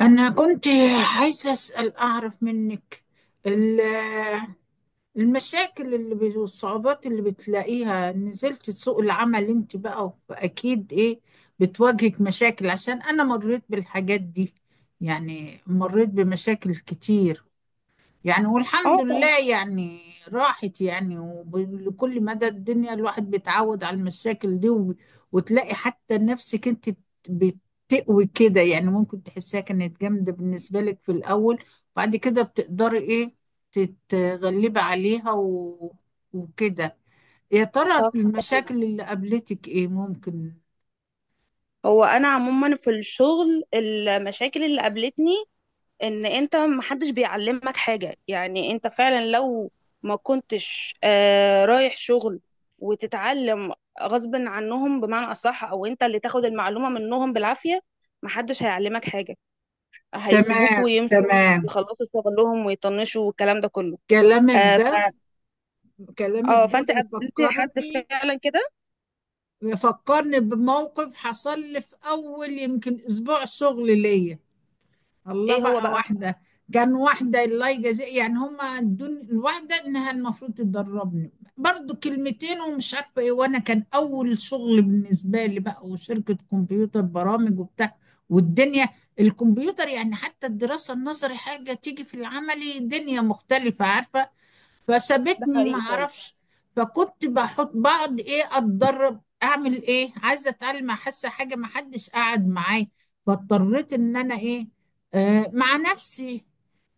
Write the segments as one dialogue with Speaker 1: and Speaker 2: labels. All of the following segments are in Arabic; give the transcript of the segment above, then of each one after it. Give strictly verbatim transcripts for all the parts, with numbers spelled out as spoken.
Speaker 1: أنا كنت عايزة أسأل أعرف منك ال- المشاكل اللي بت- والصعوبات اللي بتلاقيها نزلت سوق العمل، أنت بقى أكيد إيه بتواجهك مشاكل، عشان أنا مريت بالحاجات دي. يعني مريت بمشاكل كتير، يعني والحمد
Speaker 2: اه،
Speaker 1: لله، يعني راحت يعني. وكل مدى الدنيا الواحد بيتعود على المشاكل دي، وب- وتلاقي حتى نفسك انت بت- بتقوي كده، يعني ممكن تحسها كانت جامدة بالنسبة لك في الأول. بعد كده بتقدري ايه تتغلبي عليها و... وكده. يا ترى
Speaker 2: طبعا طبعاً.
Speaker 1: المشاكل اللي قابلتك ايه ممكن؟
Speaker 2: هو انا عموما في الشغل، المشاكل اللي قابلتني ان انت محدش بيعلمك حاجه، يعني انت فعلا لو ما كنتش آه رايح شغل وتتعلم غصب عنهم، بمعنى اصح او انت اللي تاخد المعلومه منهم بالعافيه، محدش هيعلمك حاجه، هيسيبوك
Speaker 1: تمام،
Speaker 2: ويمشوا
Speaker 1: تمام.
Speaker 2: ويخلصوا شغلهم ويطنشوا والكلام ده كله.
Speaker 1: كلامك
Speaker 2: آه ف...
Speaker 1: ده كلامك
Speaker 2: اه
Speaker 1: ده
Speaker 2: فانت قابلت حد
Speaker 1: بيفكرني
Speaker 2: فعلا كده؟
Speaker 1: بيفكرني بموقف حصل لي في اول يمكن اسبوع شغل ليا. الله
Speaker 2: ايه هو
Speaker 1: بقى،
Speaker 2: بقى؟
Speaker 1: واحده كان واحده الله يجازيها، يعني هما ادوني الواحده انها المفروض تدربني. برضو كلمتين ومش عارفه ايه، وانا كان اول شغل بالنسبه لي بقى، وشركه كمبيوتر برامج وبتاع والدنيا. الكمبيوتر يعني، حتى الدراسه النظري حاجه تيجي في العملي دنيا مختلفه، عارفه؟
Speaker 2: ده
Speaker 1: فسابتني ما
Speaker 2: حقيقي فعلا.
Speaker 1: اعرفش. فكنت بحط بقعد ايه اتدرب، اعمل ايه، عايزه اتعلم، حاسه حاجه ما حدش قعد معايا. فاضطريت ان انا ايه، آه مع نفسي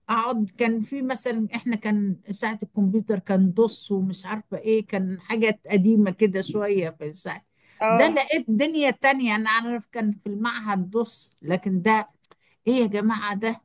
Speaker 1: اقعد. كان في مثلا، احنا كان ساعه الكمبيوتر كان دوس ومش عارفه ايه، كان حاجات قديمه كده شويه في الساعه ده.
Speaker 2: اه،
Speaker 1: لقيت دنيا تانية، انا اعرف كان في المعهد دوس، لكن ده ايه يا جماعه، ده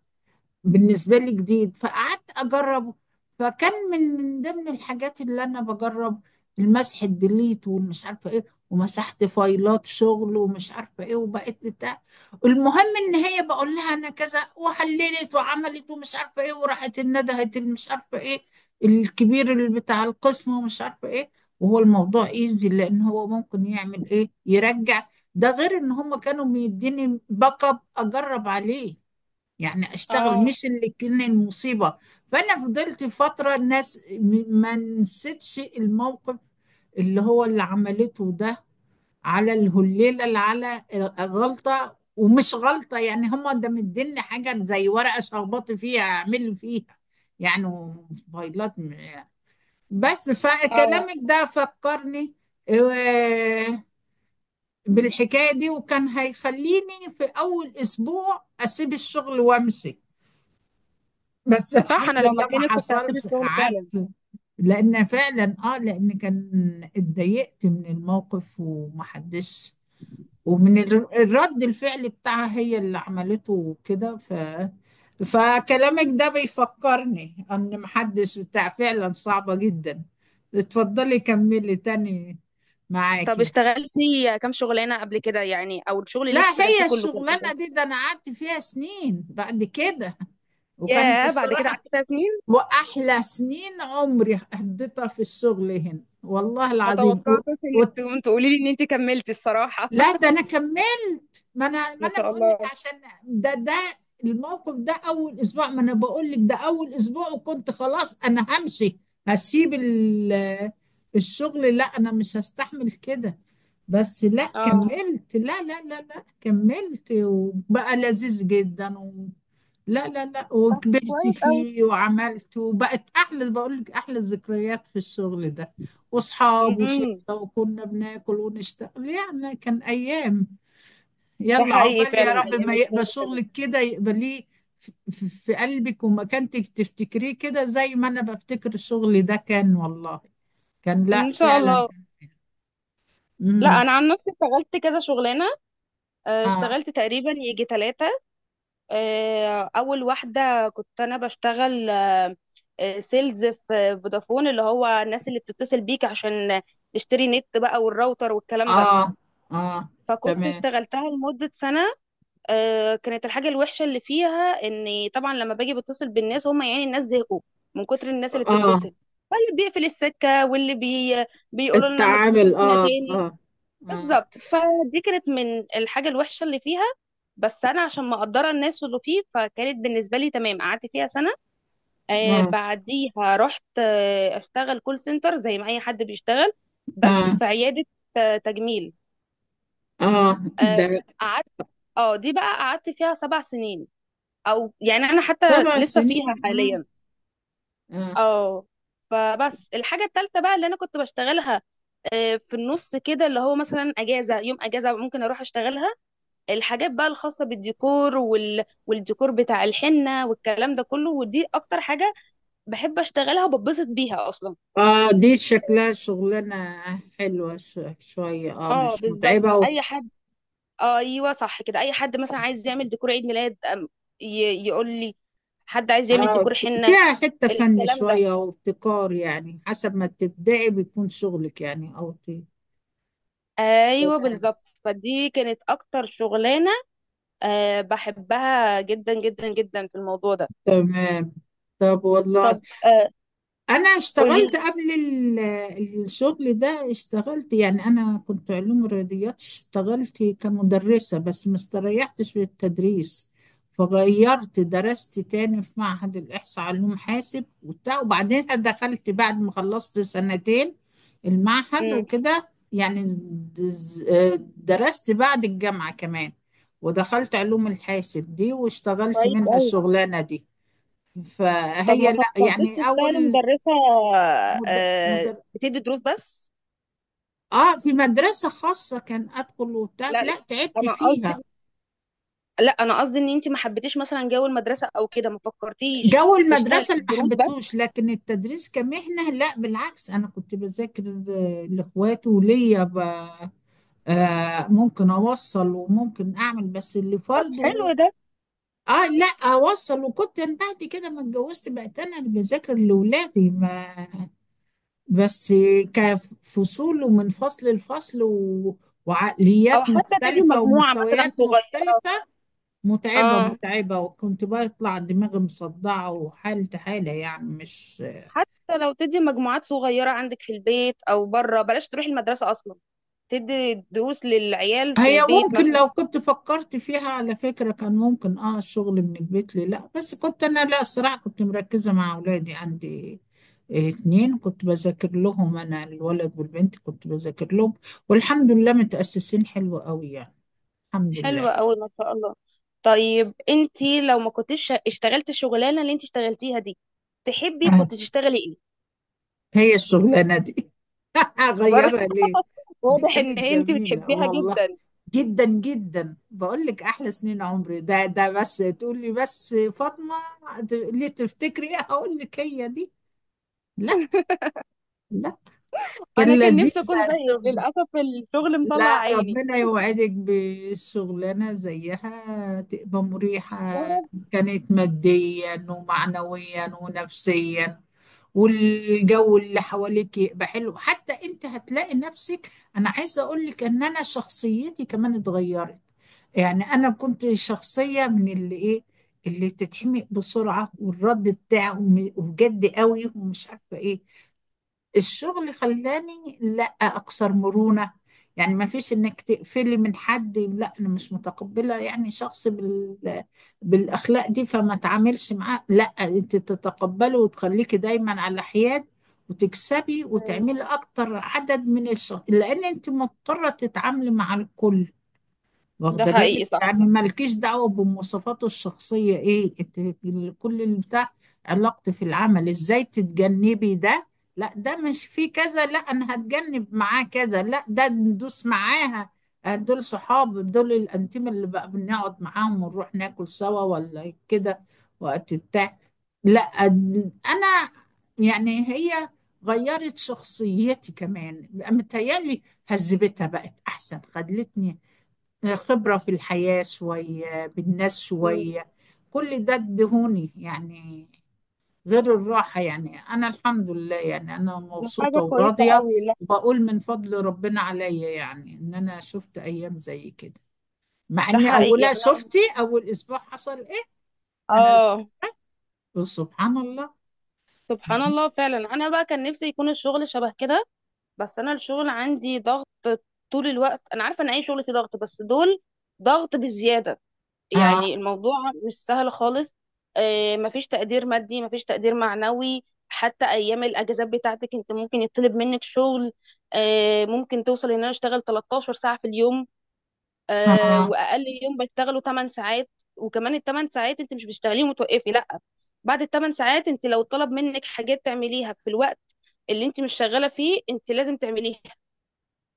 Speaker 1: بالنسبة لي جديد، فقعدت أجربه. فكان من من ضمن الحاجات اللي أنا بجرب المسح الديليت والمش عارفة إيه، ومسحت فايلات شغل ومش عارفة إيه وبقيت بتاع. المهم إن هي بقول لها أنا كذا وحللت وعملت ومش عارفة إيه، وراحت الندهت مش عارفة إيه الكبير اللي بتاع القسم ومش عارفة إيه. وهو الموضوع إيزي، لأن هو ممكن يعمل إيه يرجع. ده غير إن هم كانوا بيديني باك أب أجرب عليه، يعني اشتغل،
Speaker 2: اه،
Speaker 1: مش اللي كان المصيبة. فانا فضلت فترة الناس م- ما نسيتش الموقف اللي هو اللي عملته ده على الهليلة، اللي على غلطة ومش غلطة يعني، هما ده مديني حاجة زي ورقة شخبطت فيها اعمل فيها يعني فايلات م- بس
Speaker 2: اه.
Speaker 1: فكلامك ده فكرني آه، بالحكاية دي. وكان هيخليني في أول أسبوع أسيب الشغل وأمشي، بس
Speaker 2: صح، انا
Speaker 1: الحمد
Speaker 2: لو
Speaker 1: لله ما
Speaker 2: مكانك كنت هسيب
Speaker 1: حصلش،
Speaker 2: الشغل فعلا.
Speaker 1: قعدت. لان فعلا، اه لان كان اتضايقت من الموقف ومحدش، ومن الر- الرد الفعل بتاعها هي اللي عملته كده، ف فكلامك ده بيفكرني ان محدش بتاع، فعلا صعبة جدا. اتفضلي كملي تاني
Speaker 2: طب
Speaker 1: معاكي.
Speaker 2: اشتغلتي كام شغلانه قبل كده يعني؟ او الشغل اللي
Speaker 1: لا
Speaker 2: انت اشتغلتيه
Speaker 1: هي
Speaker 2: كله كان قد
Speaker 1: الشغلانة
Speaker 2: ايه؟
Speaker 1: دي، ده انا قعدت فيها سنين بعد كده، وكانت
Speaker 2: ياه، بعد كده
Speaker 1: الصراحة.
Speaker 2: قعدتي فيها سنين؟
Speaker 1: وأحلى سنين عمري قضيتها في الشغل هنا والله
Speaker 2: ما
Speaker 1: العظيم و...
Speaker 2: توقعتش
Speaker 1: و...
Speaker 2: انك تقوم تقولي لي ان انت كملتي الصراحه
Speaker 1: لا ده أنا كملت، ما أنا ما
Speaker 2: ما
Speaker 1: أنا
Speaker 2: شاء
Speaker 1: بقول لك
Speaker 2: الله.
Speaker 1: عشان ده ده الموقف ده أول أسبوع. ما أنا بقول لك ده أول أسبوع، وكنت خلاص أنا همشي، هسيب ال... الشغل، لا أنا مش هستحمل كده. بس لا
Speaker 2: اه.
Speaker 1: كملت، لا، لا، لا، لا كملت وبقى لذيذ جدا. لا، لا، لا
Speaker 2: طب
Speaker 1: وكبرت
Speaker 2: كويس قوي.
Speaker 1: فيه وعملت وبقت أحلى، بقول لك أحلى الذكريات في الشغل ده. وأصحاب وشلة،
Speaker 2: امم.
Speaker 1: وكنا بناكل ونشتغل يعني، كان أيام.
Speaker 2: ده
Speaker 1: يلا
Speaker 2: حقيقي
Speaker 1: عقبال،
Speaker 2: فعلا،
Speaker 1: يا رب
Speaker 2: ايام
Speaker 1: ما يقبل
Speaker 2: الشغل كده.
Speaker 1: شغلك كده يقبليه في في- في قلبك ومكانتك، تفتكريه كده زي ما أنا بفتكر الشغل ده، كان والله كان
Speaker 2: ان
Speaker 1: لا
Speaker 2: شاء
Speaker 1: فعلا.
Speaker 2: الله. لا،
Speaker 1: امم.
Speaker 2: انا عن نفسي اشتغلت كذا شغلانه، آه،
Speaker 1: اه،
Speaker 2: اشتغلت تقريبا يجي ثلاثه. آه، اول واحده كنت انا بشتغل آه، آه، سيلز في فودافون، اللي هو الناس اللي بتتصل بيك عشان تشتري نت بقى والراوتر والكلام ده.
Speaker 1: اه، اه.
Speaker 2: فكنت
Speaker 1: تمام.
Speaker 2: اشتغلتها لمدة سنة. آه، كانت الحاجة الوحشة اللي فيها ان طبعا لما باجي بتصل بالناس، هم يعني الناس زهقوا من كتر الناس اللي
Speaker 1: اه.
Speaker 2: بتتصل، فاللي بيقفل السكة واللي بي... بيقولوا لنا ما تتصلوش
Speaker 1: التعامل
Speaker 2: هنا
Speaker 1: اه،
Speaker 2: تاني.
Speaker 1: اه، اه،
Speaker 2: بالظبط، فدي كانت من الحاجة الوحشة اللي فيها، بس أنا عشان مقدرة الناس واللي فيه فكانت بالنسبة لي تمام، قعدت فيها سنة. آه
Speaker 1: اه،
Speaker 2: بعديها رحت آه أشتغل كول سنتر زي ما أي حد بيشتغل، بس
Speaker 1: آه.
Speaker 2: في عيادة آه تجميل.
Speaker 1: اه ده
Speaker 2: آه قعدت. اه دي بقى قعدت فيها سبع سنين، أو يعني أنا حتى
Speaker 1: سبع
Speaker 2: لسه
Speaker 1: سنين
Speaker 2: فيها
Speaker 1: اه،
Speaker 2: حاليا.
Speaker 1: اه،
Speaker 2: اه فبس الحاجة التالتة بقى اللي أنا كنت بشتغلها، آه، في النص كده، اللي هو مثلا اجازه، يوم اجازه ممكن اروح اشتغلها، الحاجات بقى الخاصة بالديكور وال... والديكور بتاع الحنة والكلام ده كله، ودي اكتر حاجة بحب اشتغلها وببسط بيها اصلا.
Speaker 1: اه. دي شكلها شغلانة حلوة ش- شوية، اه
Speaker 2: اه
Speaker 1: مش
Speaker 2: بالظبط،
Speaker 1: متعبة و...
Speaker 2: اي حد، ايوه صح كده، اي حد مثلا عايز يعمل ديكور عيد ميلاد، أم- ي... يقول لي، حد عايز يعمل
Speaker 1: اه
Speaker 2: ديكور
Speaker 1: ف-
Speaker 2: حنة،
Speaker 1: فيها حتة فن
Speaker 2: الكلام ده.
Speaker 1: شوية وابتكار، يعني حسب ما تبدأي بيكون شغلك، يعني او ت-
Speaker 2: ايوه بالظبط، فدي كانت اكتر شغلانة، أه بحبها جدا جدا جدا في الموضوع ده.
Speaker 1: تمام. طب والله،
Speaker 2: طب، آه
Speaker 1: انا اشتغلت
Speaker 2: قولي.
Speaker 1: قبل ال- الشغل ده، اشتغلت يعني، انا كنت علوم رياضيات، اشتغلت كمدرسة بس ما استريحتش في التدريس. فغيرت، درست تاني في معهد الإحصاء علوم حاسب وبتاع، وبعدين دخلت بعد ما خلصت سنتين المعهد
Speaker 2: مم.
Speaker 1: وكده يعني. دز- درست بعد الجامعة كمان، ودخلت علوم الحاسب دي واشتغلت
Speaker 2: كويس
Speaker 1: منها
Speaker 2: أوي.
Speaker 1: الشغلانة دي.
Speaker 2: طب ما
Speaker 1: فهي لا
Speaker 2: فكرتش
Speaker 1: يعني
Speaker 2: تشتغلي
Speaker 1: أول
Speaker 2: مدرسة؟
Speaker 1: مد...
Speaker 2: آه،
Speaker 1: مدر...
Speaker 2: بتدي دروس بس؟
Speaker 1: اه في مدرسة خاصة كان ادخل وبتاع،
Speaker 2: لا لا،
Speaker 1: لا تعبت
Speaker 2: انا
Speaker 1: فيها.
Speaker 2: قصدي لا انا قصدي ان انت ما حبيتيش مثلا جو المدرسة او كده، ما فكرتيش
Speaker 1: جو
Speaker 2: تشتغلي
Speaker 1: المدرسة
Speaker 2: في
Speaker 1: اللي ما
Speaker 2: الدروس بس؟
Speaker 1: حبيتهوش، لكن التدريس كمهنة لا بالعكس، انا كنت بذاكر ل- لاخواتي وليا ب... آه ممكن اوصل وممكن اعمل بس اللي
Speaker 2: طب حلو
Speaker 1: فرضه،
Speaker 2: ده.
Speaker 1: اه لا اوصل. وكنت أنا بعد كده ما اتجوزت بقيت انا اللي بذاكر لاولادي، ما بس كفصول ومن فصل لفصل و...
Speaker 2: او
Speaker 1: وعقليات
Speaker 2: حتى تدي
Speaker 1: مختلفة
Speaker 2: مجموعة مثلا
Speaker 1: ومستويات
Speaker 2: صغيرة،
Speaker 1: مختلفة. متعبة
Speaker 2: اه
Speaker 1: متعبة، وكنت بطلع دماغي مصدعة وحالة حالة يعني مش.
Speaker 2: حتى لو تدي مجموعات صغيرة عندك في البيت او بره، بلاش تروحي المدرسة اصلا، تدي دروس للعيال في
Speaker 1: هي
Speaker 2: البيت
Speaker 1: ممكن
Speaker 2: مثلا.
Speaker 1: لو كنت فكرت فيها على فكرة كان ممكن اه الشغل من البيت لي، لا بس كنت انا، لا الصراحة كنت مركزة مع اولادي عندي. آه، اتنين كنت بذاكر لهم انا الولد والبنت كنت بذاكر لهم، والحمد لله متأسسين حلو قوي يعني، الحمد لله.
Speaker 2: حلوة أوي، ما شاء الله. طيب انتي لو ما كنتش اشتغلت الشغلانة اللي انتي اشتغلتيها دي، تحبي
Speaker 1: آه.
Speaker 2: كنت تشتغلي ايه؟
Speaker 1: هي الشغلانة دي
Speaker 2: برضه.
Speaker 1: اغيرها ليه؟ دي
Speaker 2: واضح
Speaker 1: كانت
Speaker 2: ان انتي
Speaker 1: جميلة
Speaker 2: بتحبيها
Speaker 1: والله
Speaker 2: جدا.
Speaker 1: جدا جدا، بقول لك احلى سنين عمري، ده ده بس تقول لي بس فاطمة ت- ليه تفتكري ايه هقول لك هي دي. لا، لا
Speaker 2: انا
Speaker 1: كان
Speaker 2: كان
Speaker 1: لذيذ.
Speaker 2: نفسي اكون زيك،
Speaker 1: الشغل
Speaker 2: للأسف الشغل مطلع
Speaker 1: لا
Speaker 2: عيني.
Speaker 1: ربنا يوعدك بشغلانة زيها تبقى مريحة.
Speaker 2: يا رب.
Speaker 1: كانت ماديا ومعنويا ونفسيا، والجو اللي حواليك يبقى حلو، حتى انت هتلاقي نفسك. انا عايزه اقول لك ان انا شخصيتي كمان اتغيرت، يعني انا كنت شخصيه من اللي ايه اللي تتحمق بسرعه والرد بتاعه م- وجد قوي ومش عارفه ايه. الشغل خلاني لا اكثر مرونة، يعني ما فيش انك تقفلي من حد، لا انا مش متقبلة يعني شخص بال... بالاخلاق دي فما تعاملش معاه. لا، انت تتقبله وتخليكي دايما على حياد، وتكسبي
Speaker 2: مم.
Speaker 1: وتعملي اكتر عدد من الشخص لان انت مضطرة تتعاملي مع الكل.
Speaker 2: ده
Speaker 1: واخده بالك
Speaker 2: حقيقي صح.
Speaker 1: يعني، مالكيش دعوه بمواصفاته الشخصيه ايه إت- ال- كل البتاع. علاقتي في العمل ازاي تتجنبي ده، لا ده مش فيه كذا، لا انا هتجنب معاه كذا، لا ده ندوس معاها. آه، دول صحاب دول الانتيم اللي بقى بنقعد معاهم ونروح ناكل سوا ولا كده وقت بتاع. لا أد- انا يعني، هي غيرت شخصيتي كمان متهيألي، هذبتها بقت احسن، خلتني خبرة في الحياة شوية، بالناس
Speaker 2: مم.
Speaker 1: شوية، كل ده ادهوني يعني، غير الراحة. يعني أنا الحمد لله، يعني أنا
Speaker 2: دي حاجة
Speaker 1: مبسوطة
Speaker 2: كويسة
Speaker 1: وراضية.
Speaker 2: أوي، لا.
Speaker 1: وبقول من فضل ربنا عليا يعني إن أنا شفت أيام زي كده، مع
Speaker 2: ده
Speaker 1: إن
Speaker 2: حقيقي،
Speaker 1: أولها
Speaker 2: يعني أنا.
Speaker 1: شفتي أول أسبوع حصل إيه. أنا شفت
Speaker 2: اه،
Speaker 1: سبحان الله.
Speaker 2: سبحان الله فعلا. انا بقى كان نفسي يكون الشغل شبه كده، بس انا الشغل عندي ضغط طول الوقت، انا عارفة ان اي شغل فيه ضغط، بس دول ضغط بالزيادة،
Speaker 1: آه،
Speaker 2: يعني الموضوع مش سهل خالص. آه، مفيش تقدير مادي مفيش تقدير معنوي، حتى ايام الاجازات بتاعتك انت ممكن يطلب منك شغل. آه، ممكن توصل ان انا اشتغل تلتاشر ساعه في اليوم، آه،
Speaker 1: آه،
Speaker 2: واقل يوم بشتغله ثماني ساعات، وكمان ال ثماني ساعات انت مش بتشتغليهم وتوقفي لا، بعد الثمان ساعات انت لو طلب منك حاجات تعمليها في الوقت اللي انت مش شغاله فيه، انت لازم تعمليها،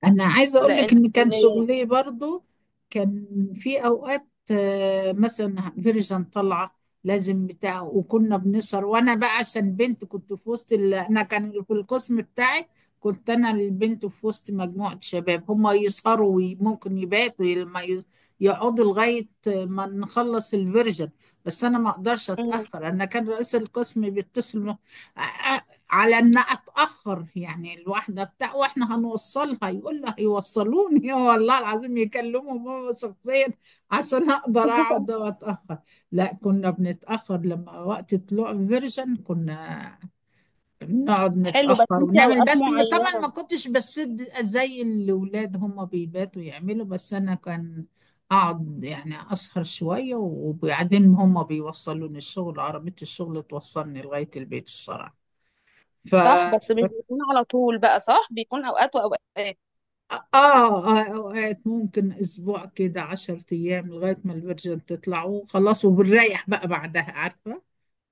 Speaker 1: انا عايزه اقول لك
Speaker 2: لان.
Speaker 1: ان كان شغلي برضو كان في اوقات، آه، مثلا فيرجن طالعه لازم بتاع، وكنا بنسهر، وانا بقى عشان بنت كنت في وسط ال... انا كان في القسم بتاعي كنت انا البنت في وسط مجموعه شباب هما يسهروا وممكن يباتوا لما ي- يقعدوا لغايه ما نخلص الفيرجن. بس انا ما اقدرش
Speaker 2: مم.
Speaker 1: اتاخر، انا كان رئيس القسم بيتصل آه، على ان اتاخر يعني الواحده بتاع، واحنا هنوصلها يقول لها يوصلوني والله العظيم يكلمهم هو شخصيا عشان اقدر اقعد واتاخر. لا كنا بنتاخر لما وقت طلوع الفيرجن، كنا بنقعد
Speaker 2: حلو، بس
Speaker 1: نتاخر
Speaker 2: انت
Speaker 1: ونعمل
Speaker 2: اوقات
Speaker 1: بس م- طبعا ما
Speaker 2: معينه.
Speaker 1: كنتش بسد زي الاولاد هم بيباتوا يعملوا، بس انا كان اقعد يعني اسهر شويه، وبعدين هم بيوصلوني الشغل، عربيه الشغل توصلني لغايه البيت الصراحه. ف
Speaker 2: صح، بس مش بيكون على طول بقى، صح، بيكون اوقات واوقات.
Speaker 1: آه, آه أوقات ممكن أسبوع كده عشر أيام لغاية ما الفيرجن تطلعوا خلاص، وبنريح بقى بعدها، عارفة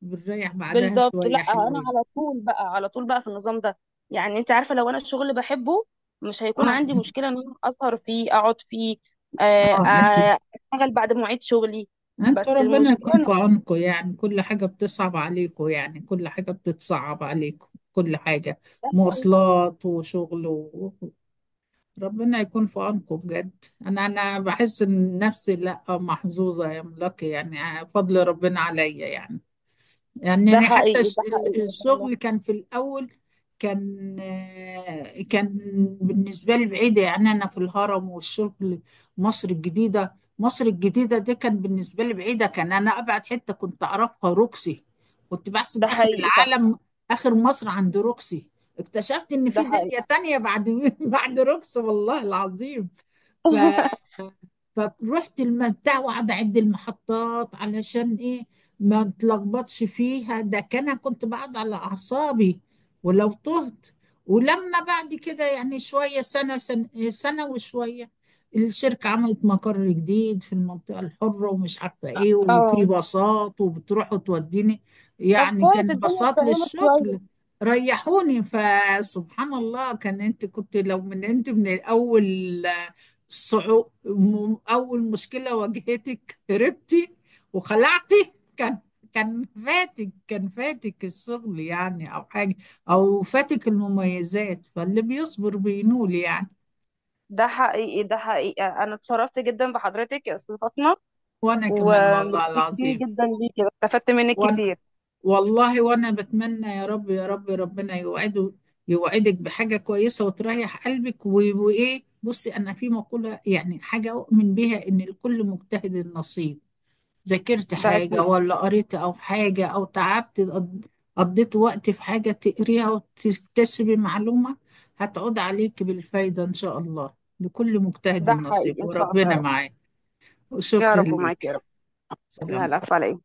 Speaker 1: بنريح بعدها
Speaker 2: بالظبط، لا
Speaker 1: شوية
Speaker 2: انا
Speaker 1: حلوين.
Speaker 2: على طول بقى، على طول بقى في النظام ده، يعني انت عارفه، لو انا الشغل بحبه مش هيكون
Speaker 1: آه،
Speaker 2: عندي مشكله ان انا اسهر فيه اقعد فيه، آه،
Speaker 1: آه أكيد.
Speaker 2: آه، اشتغل بعد مواعيد شغلي،
Speaker 1: أنتوا
Speaker 2: بس
Speaker 1: ربنا
Speaker 2: المشكله
Speaker 1: يكون
Speaker 2: ان.
Speaker 1: في عونكم يعني، كل حاجة بتصعب عليكم، يعني كل حاجة بتتصعب عليكم، كل حاجة
Speaker 2: ده حقيقي،
Speaker 1: مواصلات وشغل و... ربنا يكون في عونكم بجد. أنا أنا بحس إن نفسي لأ محظوظة يا ملاكي، يعني فضل ربنا عليا يعني. يعني
Speaker 2: ده
Speaker 1: أنا حتى
Speaker 2: حقيقي،
Speaker 1: الش-
Speaker 2: ده
Speaker 1: ال-
Speaker 2: حقيقي، ما شاء الله.
Speaker 1: الشغل كان في الأول، كان آه، كان بالنسبة لي بعيدة. يعني أنا في الهرم والشغل مصر الجديدة، مصر الجديدة دي كان بالنسبة لي بعيدة، كان أنا أبعد حتة كنت أعرفها روكسي، كنت بحسب
Speaker 2: ده
Speaker 1: آخر
Speaker 2: حقيقي صح.
Speaker 1: العالم. آخر مصر عند روكسي، اكتشفت إن
Speaker 2: ده
Speaker 1: في
Speaker 2: حقيقي
Speaker 1: دنيا تانية بعد بعد روكسي والله العظيم. فروحت المتاع، وقعد اعد المحطات علشان ايه ما اتلخبطش فيها، ده كان أنا كنت بقعد على اعصابي ولو تهت. ولما بعد كده يعني شويه سنه سنه, سنة وشويه، الشركه عملت مقر جديد في المنطقه الحره ومش عارفه ايه، وفي
Speaker 2: اه
Speaker 1: باصات وبتروح وتوديني،
Speaker 2: طب
Speaker 1: يعني كان
Speaker 2: كويس، الدنيا
Speaker 1: باصات
Speaker 2: اتفهمت شويه.
Speaker 1: للشغل. ريحوني، فسبحان الله كان، انت كنت لو من انت من الاول، صعو... م- أول مشكلة واجهتك هربتي وخلعتي، كان كان فاتك كان فاتك الشغل يعني أو حاجة، أو فاتك المميزات، فاللي بيصبر بينول يعني.
Speaker 2: ده حقيقي، ده حقيقي، انا اتشرفت جدا بحضرتك يا استاذ فاطمه،
Speaker 1: وأنا كمان
Speaker 2: وميرسي
Speaker 1: والله العظيم،
Speaker 2: جدا ليكي، استفدت منك
Speaker 1: وأنا
Speaker 2: كتير.
Speaker 1: والله وأنا بتمنى يا رب يا رب، ربنا يوعده يوعدك بحاجة كويسة وتريح قلبك و- وإيه بصي، أنا في مقولة يعني حاجة أؤمن بيها إن لكل مجتهد نصيب. ذاكرت
Speaker 2: ده
Speaker 1: حاجة
Speaker 2: اكيد.
Speaker 1: ولا قريت أو حاجة أو تعبت، قض- قضيت وقت في حاجة تقريها وتكتسبي معلومة، هتعود عليك بالفايدة إن شاء الله. لكل مجتهد
Speaker 2: ده
Speaker 1: نصيب
Speaker 2: حقيقي، ان شاء الله يا
Speaker 1: وربنا
Speaker 2: رب.
Speaker 1: معاك.
Speaker 2: يا
Speaker 1: وشكرا
Speaker 2: رب، ومعاكي يا
Speaker 1: ليك،
Speaker 2: رب. لا،
Speaker 1: سلام.
Speaker 2: لا عليك.